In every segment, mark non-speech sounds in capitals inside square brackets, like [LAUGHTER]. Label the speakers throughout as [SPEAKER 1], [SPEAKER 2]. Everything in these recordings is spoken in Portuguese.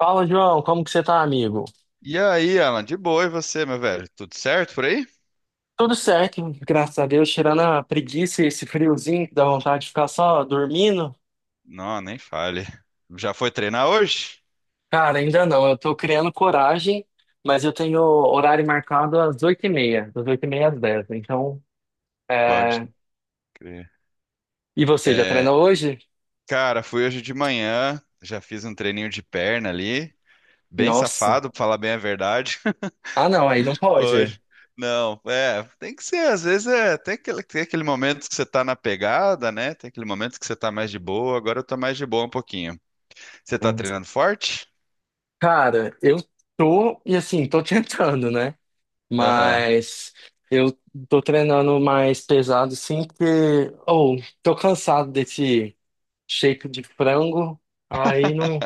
[SPEAKER 1] Fala, João, como que você tá, amigo?
[SPEAKER 2] E aí, Alan, de boa, e você, meu velho? Tudo certo por aí?
[SPEAKER 1] Tudo certo, graças a Deus, tirando a preguiça e esse friozinho que dá vontade de ficar só dormindo.
[SPEAKER 2] Não, nem fale. Já foi treinar hoje?
[SPEAKER 1] Cara, ainda não, eu tô criando coragem, mas eu tenho horário marcado às oito e meia, das oito e 30 às 10 então.
[SPEAKER 2] Pode
[SPEAKER 1] É.
[SPEAKER 2] crer.
[SPEAKER 1] E você, já
[SPEAKER 2] É,
[SPEAKER 1] treinou hoje?
[SPEAKER 2] cara, fui hoje de manhã, já fiz um treininho de perna ali, bem
[SPEAKER 1] Nossa.
[SPEAKER 2] safado, pra falar bem a verdade. [LAUGHS]
[SPEAKER 1] Ah, não, aí não pode.
[SPEAKER 2] Hoje. Não, é, tem que ser, às vezes é, tem aquele momento que você tá na pegada, né? Tem aquele momento que você tá mais de boa, agora eu tô mais de boa um pouquinho. Você tá
[SPEAKER 1] Hum.
[SPEAKER 2] treinando forte?
[SPEAKER 1] Cara, eu tô, e assim, tô [LAUGHS] tentando, né?
[SPEAKER 2] Aham.
[SPEAKER 1] Mas eu tô treinando mais pesado, sim, porque. Ou, tô cansado desse shake de frango. Aí não,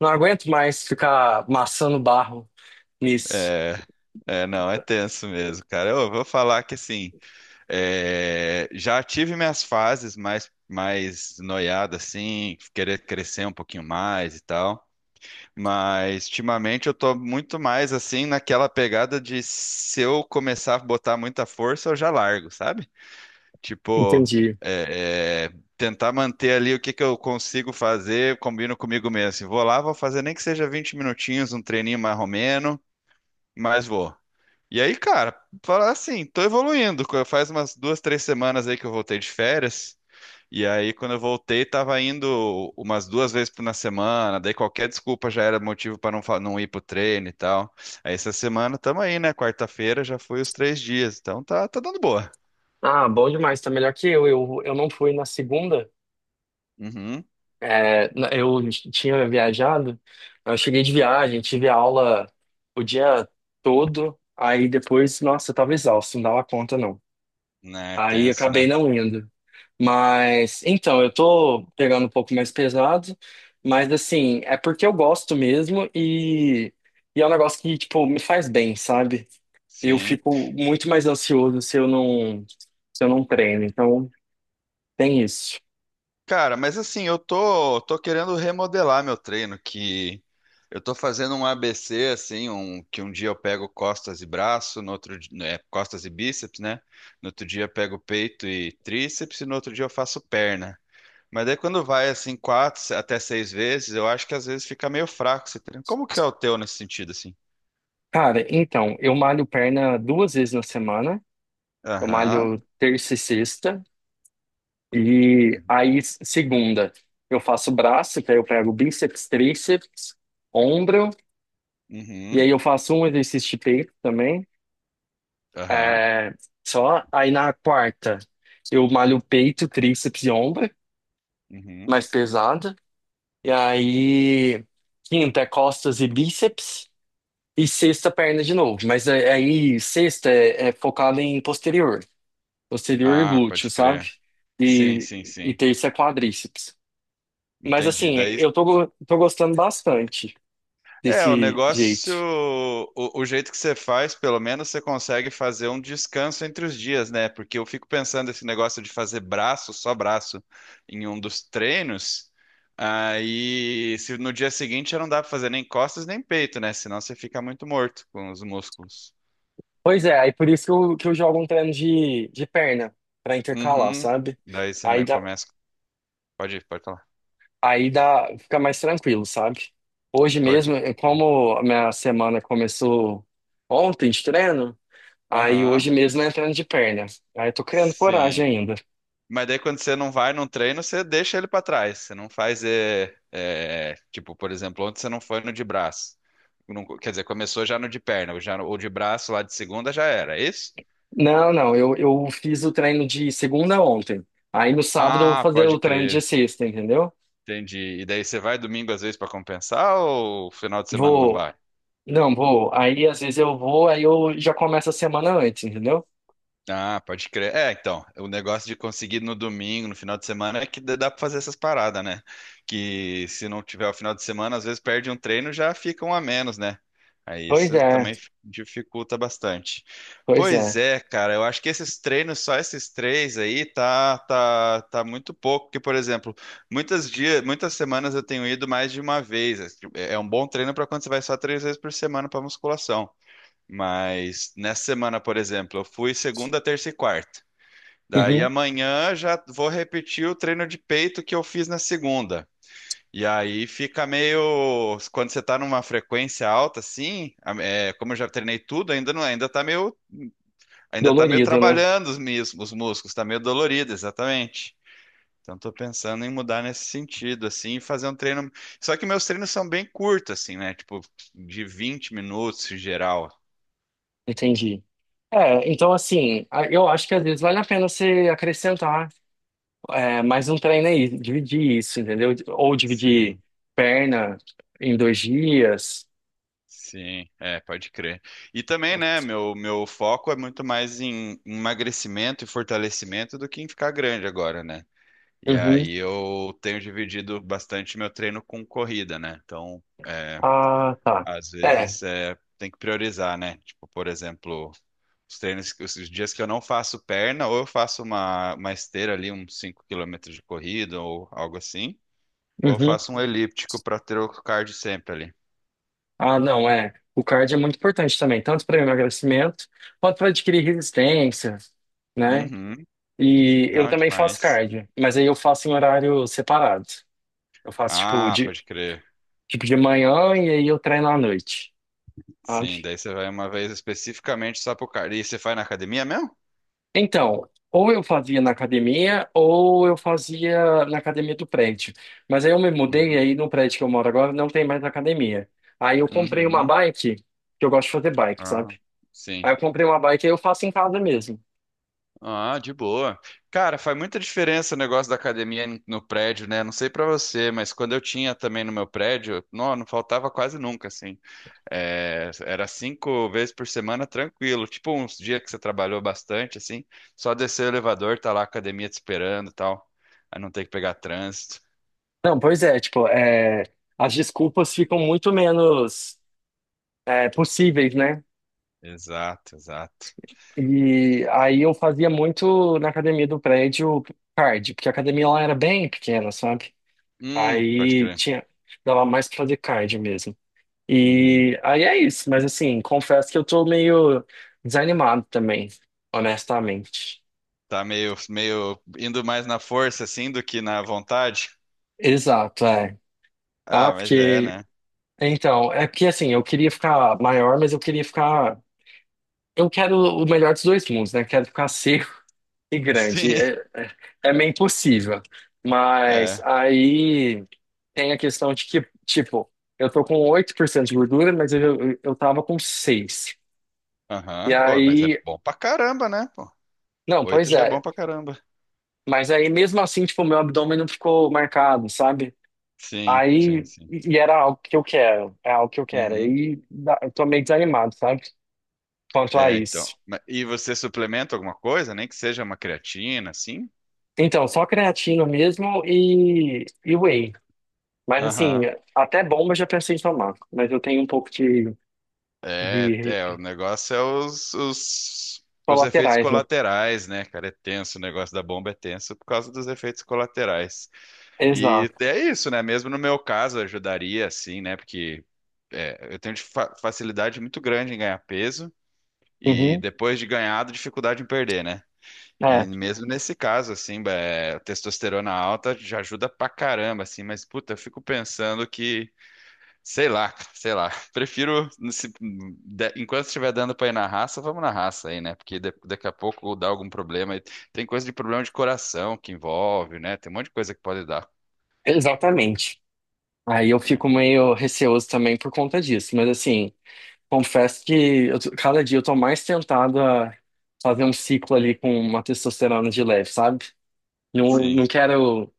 [SPEAKER 1] não aguento mais ficar amassando barro nisso.
[SPEAKER 2] É, não, é tenso mesmo, cara. Eu vou falar que assim. É, já tive minhas fases mais, mais noiada, assim, querer crescer um pouquinho mais e tal. Mas ultimamente eu tô muito mais assim naquela pegada de se eu começar a botar muita força, eu já largo, sabe? Tipo,
[SPEAKER 1] Entendi.
[SPEAKER 2] tentar manter ali o que que eu consigo fazer, combino comigo mesmo. Assim, vou lá, vou fazer nem que seja 20 minutinhos, um treininho mais romeno, mas vou. E aí, cara, falar assim, tô evoluindo. Faz umas duas, três semanas aí que eu voltei de férias. E aí, quando eu voltei, tava indo umas duas na semana. Daí qualquer desculpa já era motivo pra não, não ir pro treino e tal. Aí essa semana tamo aí, né? Quarta-feira já foi os três dias. Então tá, tá dando boa.
[SPEAKER 1] Ah, bom demais, tá melhor que eu. Eu não fui na segunda.
[SPEAKER 2] Uhum.
[SPEAKER 1] É, eu tinha viajado, eu cheguei de viagem, tive aula o dia todo. Aí depois, nossa, eu tava exausto, não dava conta não.
[SPEAKER 2] Né,
[SPEAKER 1] Aí
[SPEAKER 2] tenso,
[SPEAKER 1] acabei
[SPEAKER 2] né?
[SPEAKER 1] não indo. Mas, então, eu tô pegando um pouco mais pesado, mas assim, é porque eu gosto mesmo e é um negócio que, tipo, me faz bem, sabe? Eu
[SPEAKER 2] Sim.
[SPEAKER 1] fico muito mais ansioso se eu não treino, então tem isso.
[SPEAKER 2] Cara, mas assim, tô querendo remodelar meu treino, que eu tô fazendo um ABC, assim, um, que um dia eu pego costas e braço, no outro, né, costas e bíceps, né? No outro dia eu pego peito e tríceps, e no outro dia eu faço perna. Mas daí quando vai, assim, quatro até seis vezes, eu acho que às vezes fica meio fraco esse treino. Como que é o teu nesse sentido, assim?
[SPEAKER 1] Cara, então, eu malho perna 2 vezes na semana, eu
[SPEAKER 2] Aham,
[SPEAKER 1] malho terça e sexta, e
[SPEAKER 2] uhum,
[SPEAKER 1] aí segunda eu faço braço, que aí eu pego bíceps, tríceps, ombro. E
[SPEAKER 2] uhum,
[SPEAKER 1] aí eu faço um exercício de peito também.
[SPEAKER 2] aham,
[SPEAKER 1] É, só. Aí na quarta eu malho peito, tríceps e ombro,
[SPEAKER 2] uhum.
[SPEAKER 1] mais pesado. E aí quinta é costas e bíceps. E sexta, perna de novo. Mas aí sexta é focada em posterior. Posterior e
[SPEAKER 2] Ah,
[SPEAKER 1] glúteo,
[SPEAKER 2] pode
[SPEAKER 1] sabe?
[SPEAKER 2] crer. Sim,
[SPEAKER 1] E,
[SPEAKER 2] sim,
[SPEAKER 1] e
[SPEAKER 2] sim.
[SPEAKER 1] terça é quadríceps. Mas
[SPEAKER 2] Entendi.
[SPEAKER 1] assim,
[SPEAKER 2] Daí
[SPEAKER 1] eu tô, tô gostando bastante
[SPEAKER 2] é, o
[SPEAKER 1] desse jeito.
[SPEAKER 2] negócio, o jeito que você faz, pelo menos você consegue fazer um descanso entre os dias, né? Porque eu fico pensando esse negócio de fazer braço, só braço, em um dos treinos, aí se no dia seguinte já não dá pra fazer nem costas nem peito, né? Senão você fica muito morto com os músculos.
[SPEAKER 1] Pois é, aí por isso que eu jogo um treino de perna, pra intercalar,
[SPEAKER 2] Uhum.
[SPEAKER 1] sabe?
[SPEAKER 2] Daí você
[SPEAKER 1] Aí dá,
[SPEAKER 2] começa. Pode ir, pode falar.
[SPEAKER 1] aí dá, fica mais tranquilo, sabe? Hoje
[SPEAKER 2] Pode ir.
[SPEAKER 1] mesmo, como a minha semana começou ontem de treino, aí
[SPEAKER 2] Aham.
[SPEAKER 1] hoje mesmo é treino de perna. Aí eu tô criando
[SPEAKER 2] Sim.
[SPEAKER 1] coragem ainda.
[SPEAKER 2] Mas daí quando você não vai num treino, você deixa ele para trás. Você não faz, tipo, por exemplo, ontem você não foi no de braço. Não, quer dizer, começou já no de perna, ou já ou de braço lá de segunda já era, é isso?
[SPEAKER 1] Não, não, eu fiz o treino de segunda ontem. Aí no sábado eu vou
[SPEAKER 2] Ah,
[SPEAKER 1] fazer
[SPEAKER 2] pode
[SPEAKER 1] o treino de
[SPEAKER 2] crer.
[SPEAKER 1] sexta, entendeu?
[SPEAKER 2] Entendi. E daí você vai domingo às vezes para compensar ou final de semana não
[SPEAKER 1] Vou,
[SPEAKER 2] vai?
[SPEAKER 1] não, vou. Aí às vezes eu vou, aí eu já começo a semana antes, entendeu?
[SPEAKER 2] Ah, pode crer. É, então, o negócio de conseguir no domingo, no final de semana, é que dá pra fazer essas paradas, né? Que se não tiver o final de semana, às vezes perde um treino, já fica um a menos, né? Aí
[SPEAKER 1] Pois
[SPEAKER 2] isso
[SPEAKER 1] é,
[SPEAKER 2] também dificulta bastante.
[SPEAKER 1] pois é.
[SPEAKER 2] Pois é, cara, eu acho que esses treinos, só esses três aí, tá muito pouco. Porque, por exemplo, muitas dias, muitas semanas eu tenho ido mais de uma vez. É tipo, é um bom treino para quando você vai só três vezes por semana para musculação. Mas nessa semana, por exemplo, eu fui segunda, terça e quarta. Daí
[SPEAKER 1] Uhum.
[SPEAKER 2] amanhã já vou repetir o treino de peito que eu fiz na segunda. E aí fica meio. Quando você tá numa frequência alta, assim, é, como eu já treinei tudo, ainda não, ainda tá meio
[SPEAKER 1] Dolorido, né?
[SPEAKER 2] trabalhando os, os músculos, tá meio dolorido, exatamente. Então tô pensando em mudar nesse sentido, assim, e fazer um treino. Só que meus treinos são bem curtos, assim, né? Tipo, de 20 minutos em geral.
[SPEAKER 1] Entendi. É, então assim, eu acho que às vezes vale a pena você acrescentar mais um treino aí, dividir isso, entendeu? Ou dividir
[SPEAKER 2] Sim.
[SPEAKER 1] perna em 2 dias.
[SPEAKER 2] Sim, é, pode crer. E também, né, meu foco é muito mais em emagrecimento e fortalecimento do que em ficar grande agora, né? E
[SPEAKER 1] Uhum.
[SPEAKER 2] aí eu tenho dividido bastante meu treino com corrida, né? Então, é,
[SPEAKER 1] Ah, tá.
[SPEAKER 2] às
[SPEAKER 1] É.
[SPEAKER 2] vezes é, tem que priorizar, né? Tipo, por exemplo, os treinos, os dias que eu não faço perna, ou eu faço uma esteira ali, uns 5 quilômetros de corrida ou algo assim, ou eu
[SPEAKER 1] Uhum.
[SPEAKER 2] faço um elíptico para ter o cardio sempre ali.
[SPEAKER 1] Ah, não, é. O cardio é muito importante também, tanto para emagrecimento quanto para adquirir resistência, né?
[SPEAKER 2] Uhum,
[SPEAKER 1] E eu
[SPEAKER 2] não,
[SPEAKER 1] também faço
[SPEAKER 2] demais.
[SPEAKER 1] cardio, mas aí eu faço em horário separado. Eu faço tipo
[SPEAKER 2] Ah,
[SPEAKER 1] de
[SPEAKER 2] pode crer.
[SPEAKER 1] tipo de manhã e aí eu treino à noite, sabe?
[SPEAKER 2] Sim, daí você vai uma vez especificamente só pro cardio. E você faz na academia mesmo?
[SPEAKER 1] Então, ou eu fazia na academia ou eu fazia na academia do prédio. Mas aí eu me mudei e
[SPEAKER 2] Uhum.
[SPEAKER 1] aí no prédio que eu moro agora não tem mais academia. Aí eu comprei uma
[SPEAKER 2] Uhum.
[SPEAKER 1] bike, que eu gosto de fazer bike,
[SPEAKER 2] Ah,
[SPEAKER 1] sabe?
[SPEAKER 2] sim.
[SPEAKER 1] Aí eu comprei uma bike e eu faço em casa mesmo.
[SPEAKER 2] Ah, de boa. Cara, faz muita diferença o negócio da academia no prédio, né? Não sei pra você, mas quando eu tinha também no meu prédio, não, não faltava quase nunca, assim. É, era cinco vezes por semana tranquilo. Tipo, uns dias que você trabalhou bastante, assim, só descer o elevador, tá lá a academia te esperando e tal. Aí não tem que pegar trânsito.
[SPEAKER 1] Não, pois é, tipo, as desculpas ficam muito menos possíveis, né?
[SPEAKER 2] Exato, exato.
[SPEAKER 1] E aí eu fazia muito na academia do prédio cardio, porque a academia lá era bem pequena, sabe?
[SPEAKER 2] Pode
[SPEAKER 1] Aí
[SPEAKER 2] crer.
[SPEAKER 1] tinha, dava mais pra fazer cardio mesmo.
[SPEAKER 2] Uhum.
[SPEAKER 1] E aí é isso, mas assim, confesso que eu tô meio desanimado também, honestamente.
[SPEAKER 2] Tá meio, meio indo mais na força, assim, do que na vontade.
[SPEAKER 1] Exato, é.
[SPEAKER 2] Ah,
[SPEAKER 1] Ah,
[SPEAKER 2] mas é,
[SPEAKER 1] porque.
[SPEAKER 2] né?
[SPEAKER 1] Então, é porque assim, eu queria ficar maior, mas eu queria ficar. Eu quero o melhor dos dois mundos, né? Quero ficar seco [LAUGHS] e grande.
[SPEAKER 2] Sim,
[SPEAKER 1] É, meio impossível.
[SPEAKER 2] [LAUGHS]
[SPEAKER 1] Mas
[SPEAKER 2] é.
[SPEAKER 1] aí tem a questão de que, tipo, eu tô com 8% de gordura, mas eu tava com 6. E
[SPEAKER 2] Aham. Ô, mas é
[SPEAKER 1] aí,
[SPEAKER 2] bom pra caramba, né? Pô,
[SPEAKER 1] não,
[SPEAKER 2] oito
[SPEAKER 1] pois
[SPEAKER 2] já é bom
[SPEAKER 1] é.
[SPEAKER 2] pra caramba.
[SPEAKER 1] Mas aí mesmo assim, tipo, meu abdômen não ficou marcado, sabe?
[SPEAKER 2] Sim, sim,
[SPEAKER 1] Aí,
[SPEAKER 2] sim.
[SPEAKER 1] e era algo que eu quero, é algo que eu quero.
[SPEAKER 2] Uhum.
[SPEAKER 1] Eu tô meio desanimado, sabe? Quanto a
[SPEAKER 2] É, então.
[SPEAKER 1] isso.
[SPEAKER 2] E você suplementa alguma coisa, nem que seja uma creatina, assim?
[SPEAKER 1] Então, só creatina mesmo e whey. Mas assim,
[SPEAKER 2] Aham.
[SPEAKER 1] até bomba eu já pensei em tomar. Mas eu tenho um pouco de, de
[SPEAKER 2] O negócio é os, os efeitos
[SPEAKER 1] colaterais, né?
[SPEAKER 2] colaterais, né, cara? É tenso, o negócio da bomba é tenso por causa dos efeitos colaterais. E
[SPEAKER 1] Exato.
[SPEAKER 2] é isso, né? Mesmo no meu caso, ajudaria, assim, né? Porque eu tenho de facilidade muito grande em ganhar peso e
[SPEAKER 1] Uhum.
[SPEAKER 2] depois de ganhado, dificuldade em perder, né? E
[SPEAKER 1] É,
[SPEAKER 2] mesmo nesse caso, assim, é, testosterona alta já ajuda pra caramba, assim, mas puta, eu fico pensando que, sei lá, cara, sei lá, [LAUGHS] prefiro, enquanto estiver dando pra ir na raça, vamos na raça aí, né? Porque daqui a pouco dá algum problema. E tem coisa de problema de coração que envolve, né? Tem um monte de coisa que pode dar,
[SPEAKER 1] exatamente. Aí eu
[SPEAKER 2] né?
[SPEAKER 1] fico meio receoso também por conta disso. Mas assim. Confesso que cada dia eu tô mais tentado a fazer um ciclo ali com uma testosterona de leve, sabe? Não,
[SPEAKER 2] Sim.
[SPEAKER 1] não quero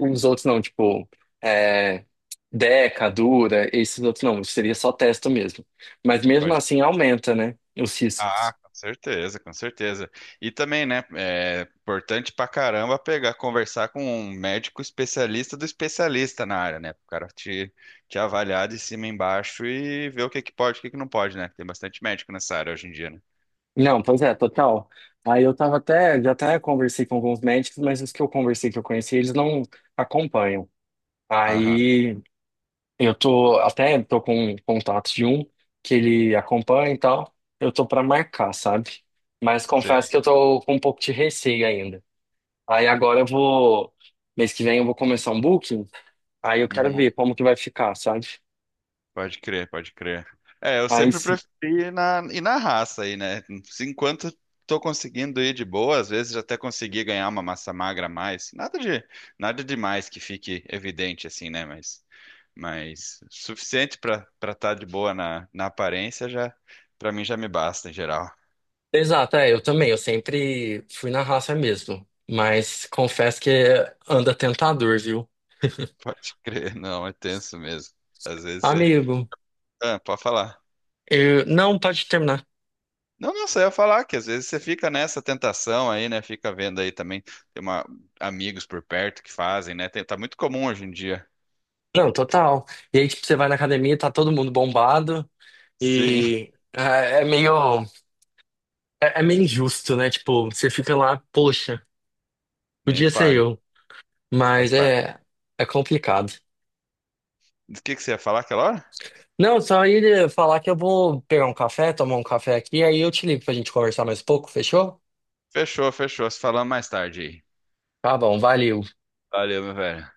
[SPEAKER 1] os outros não, tipo, é, Deca, Dura, esses outros não, seria só testo mesmo. Mas mesmo
[SPEAKER 2] Pode.
[SPEAKER 1] assim aumenta, né, os
[SPEAKER 2] Ah,
[SPEAKER 1] riscos.
[SPEAKER 2] com certeza, com certeza. E também, né, é importante pra caramba pegar, conversar com um médico especialista do especialista na área, né? O cara te avaliar de cima e embaixo e ver o que que pode, o que que não pode, né? Tem bastante médico nessa área hoje em dia, né?
[SPEAKER 1] Não, pois é, total. Aí eu tava até, já até conversei com alguns médicos, mas os que eu conversei, que eu conheci, eles não acompanham.
[SPEAKER 2] Aham,
[SPEAKER 1] Aí eu tô, até tô com contato de um que ele acompanha e tal. Eu tô pra marcar, sabe? Mas confesso
[SPEAKER 2] sei.
[SPEAKER 1] que eu tô com um pouco de receio ainda. Aí agora eu vou mês que vem eu vou começar um booking. Aí eu quero
[SPEAKER 2] Uhum,
[SPEAKER 1] ver como que vai ficar, sabe?
[SPEAKER 2] pode crer, pode crer. É, eu
[SPEAKER 1] Aí
[SPEAKER 2] sempre
[SPEAKER 1] se-
[SPEAKER 2] preferi ir na raça aí, né? Se Enquanto tô conseguindo ir de boa, às vezes até consegui ganhar uma massa magra a mais. Nada de, nada demais que fique evidente assim, né? Mas suficiente pra para estar de boa na, na aparência já para mim já me basta em geral.
[SPEAKER 1] Exato, é, eu também, eu sempre fui na raça mesmo, mas confesso que anda tentador, viu? [LAUGHS]
[SPEAKER 2] [LAUGHS] Pode crer, não, é tenso mesmo. Às vezes você,
[SPEAKER 1] Amigo,
[SPEAKER 2] ah, pode falar.
[SPEAKER 1] eu, não pode terminar.
[SPEAKER 2] Não, não, só ia falar que às vezes você fica nessa tentação aí, né? Fica vendo aí também tem uma amigos por perto que fazem, né? Tá muito comum hoje em dia. [LAUGHS]
[SPEAKER 1] Não, total. E aí, tipo, você vai na academia, tá todo mundo bombado.
[SPEAKER 2] Sim,
[SPEAKER 1] E ah, é meio, é meio injusto, né? Tipo, você fica lá, poxa,
[SPEAKER 2] nem
[SPEAKER 1] podia ser
[SPEAKER 2] fale.
[SPEAKER 1] eu, mas
[SPEAKER 2] Faz parte.
[SPEAKER 1] é complicado.
[SPEAKER 2] Do que você ia falar aquela hora?
[SPEAKER 1] Não, só ia falar que eu vou pegar um café, tomar um café aqui, aí eu te ligo pra gente conversar mais um pouco, fechou?
[SPEAKER 2] Fechou, fechou. Se falamos mais tarde aí.
[SPEAKER 1] Tá bom, valeu.
[SPEAKER 2] Valeu, meu velho.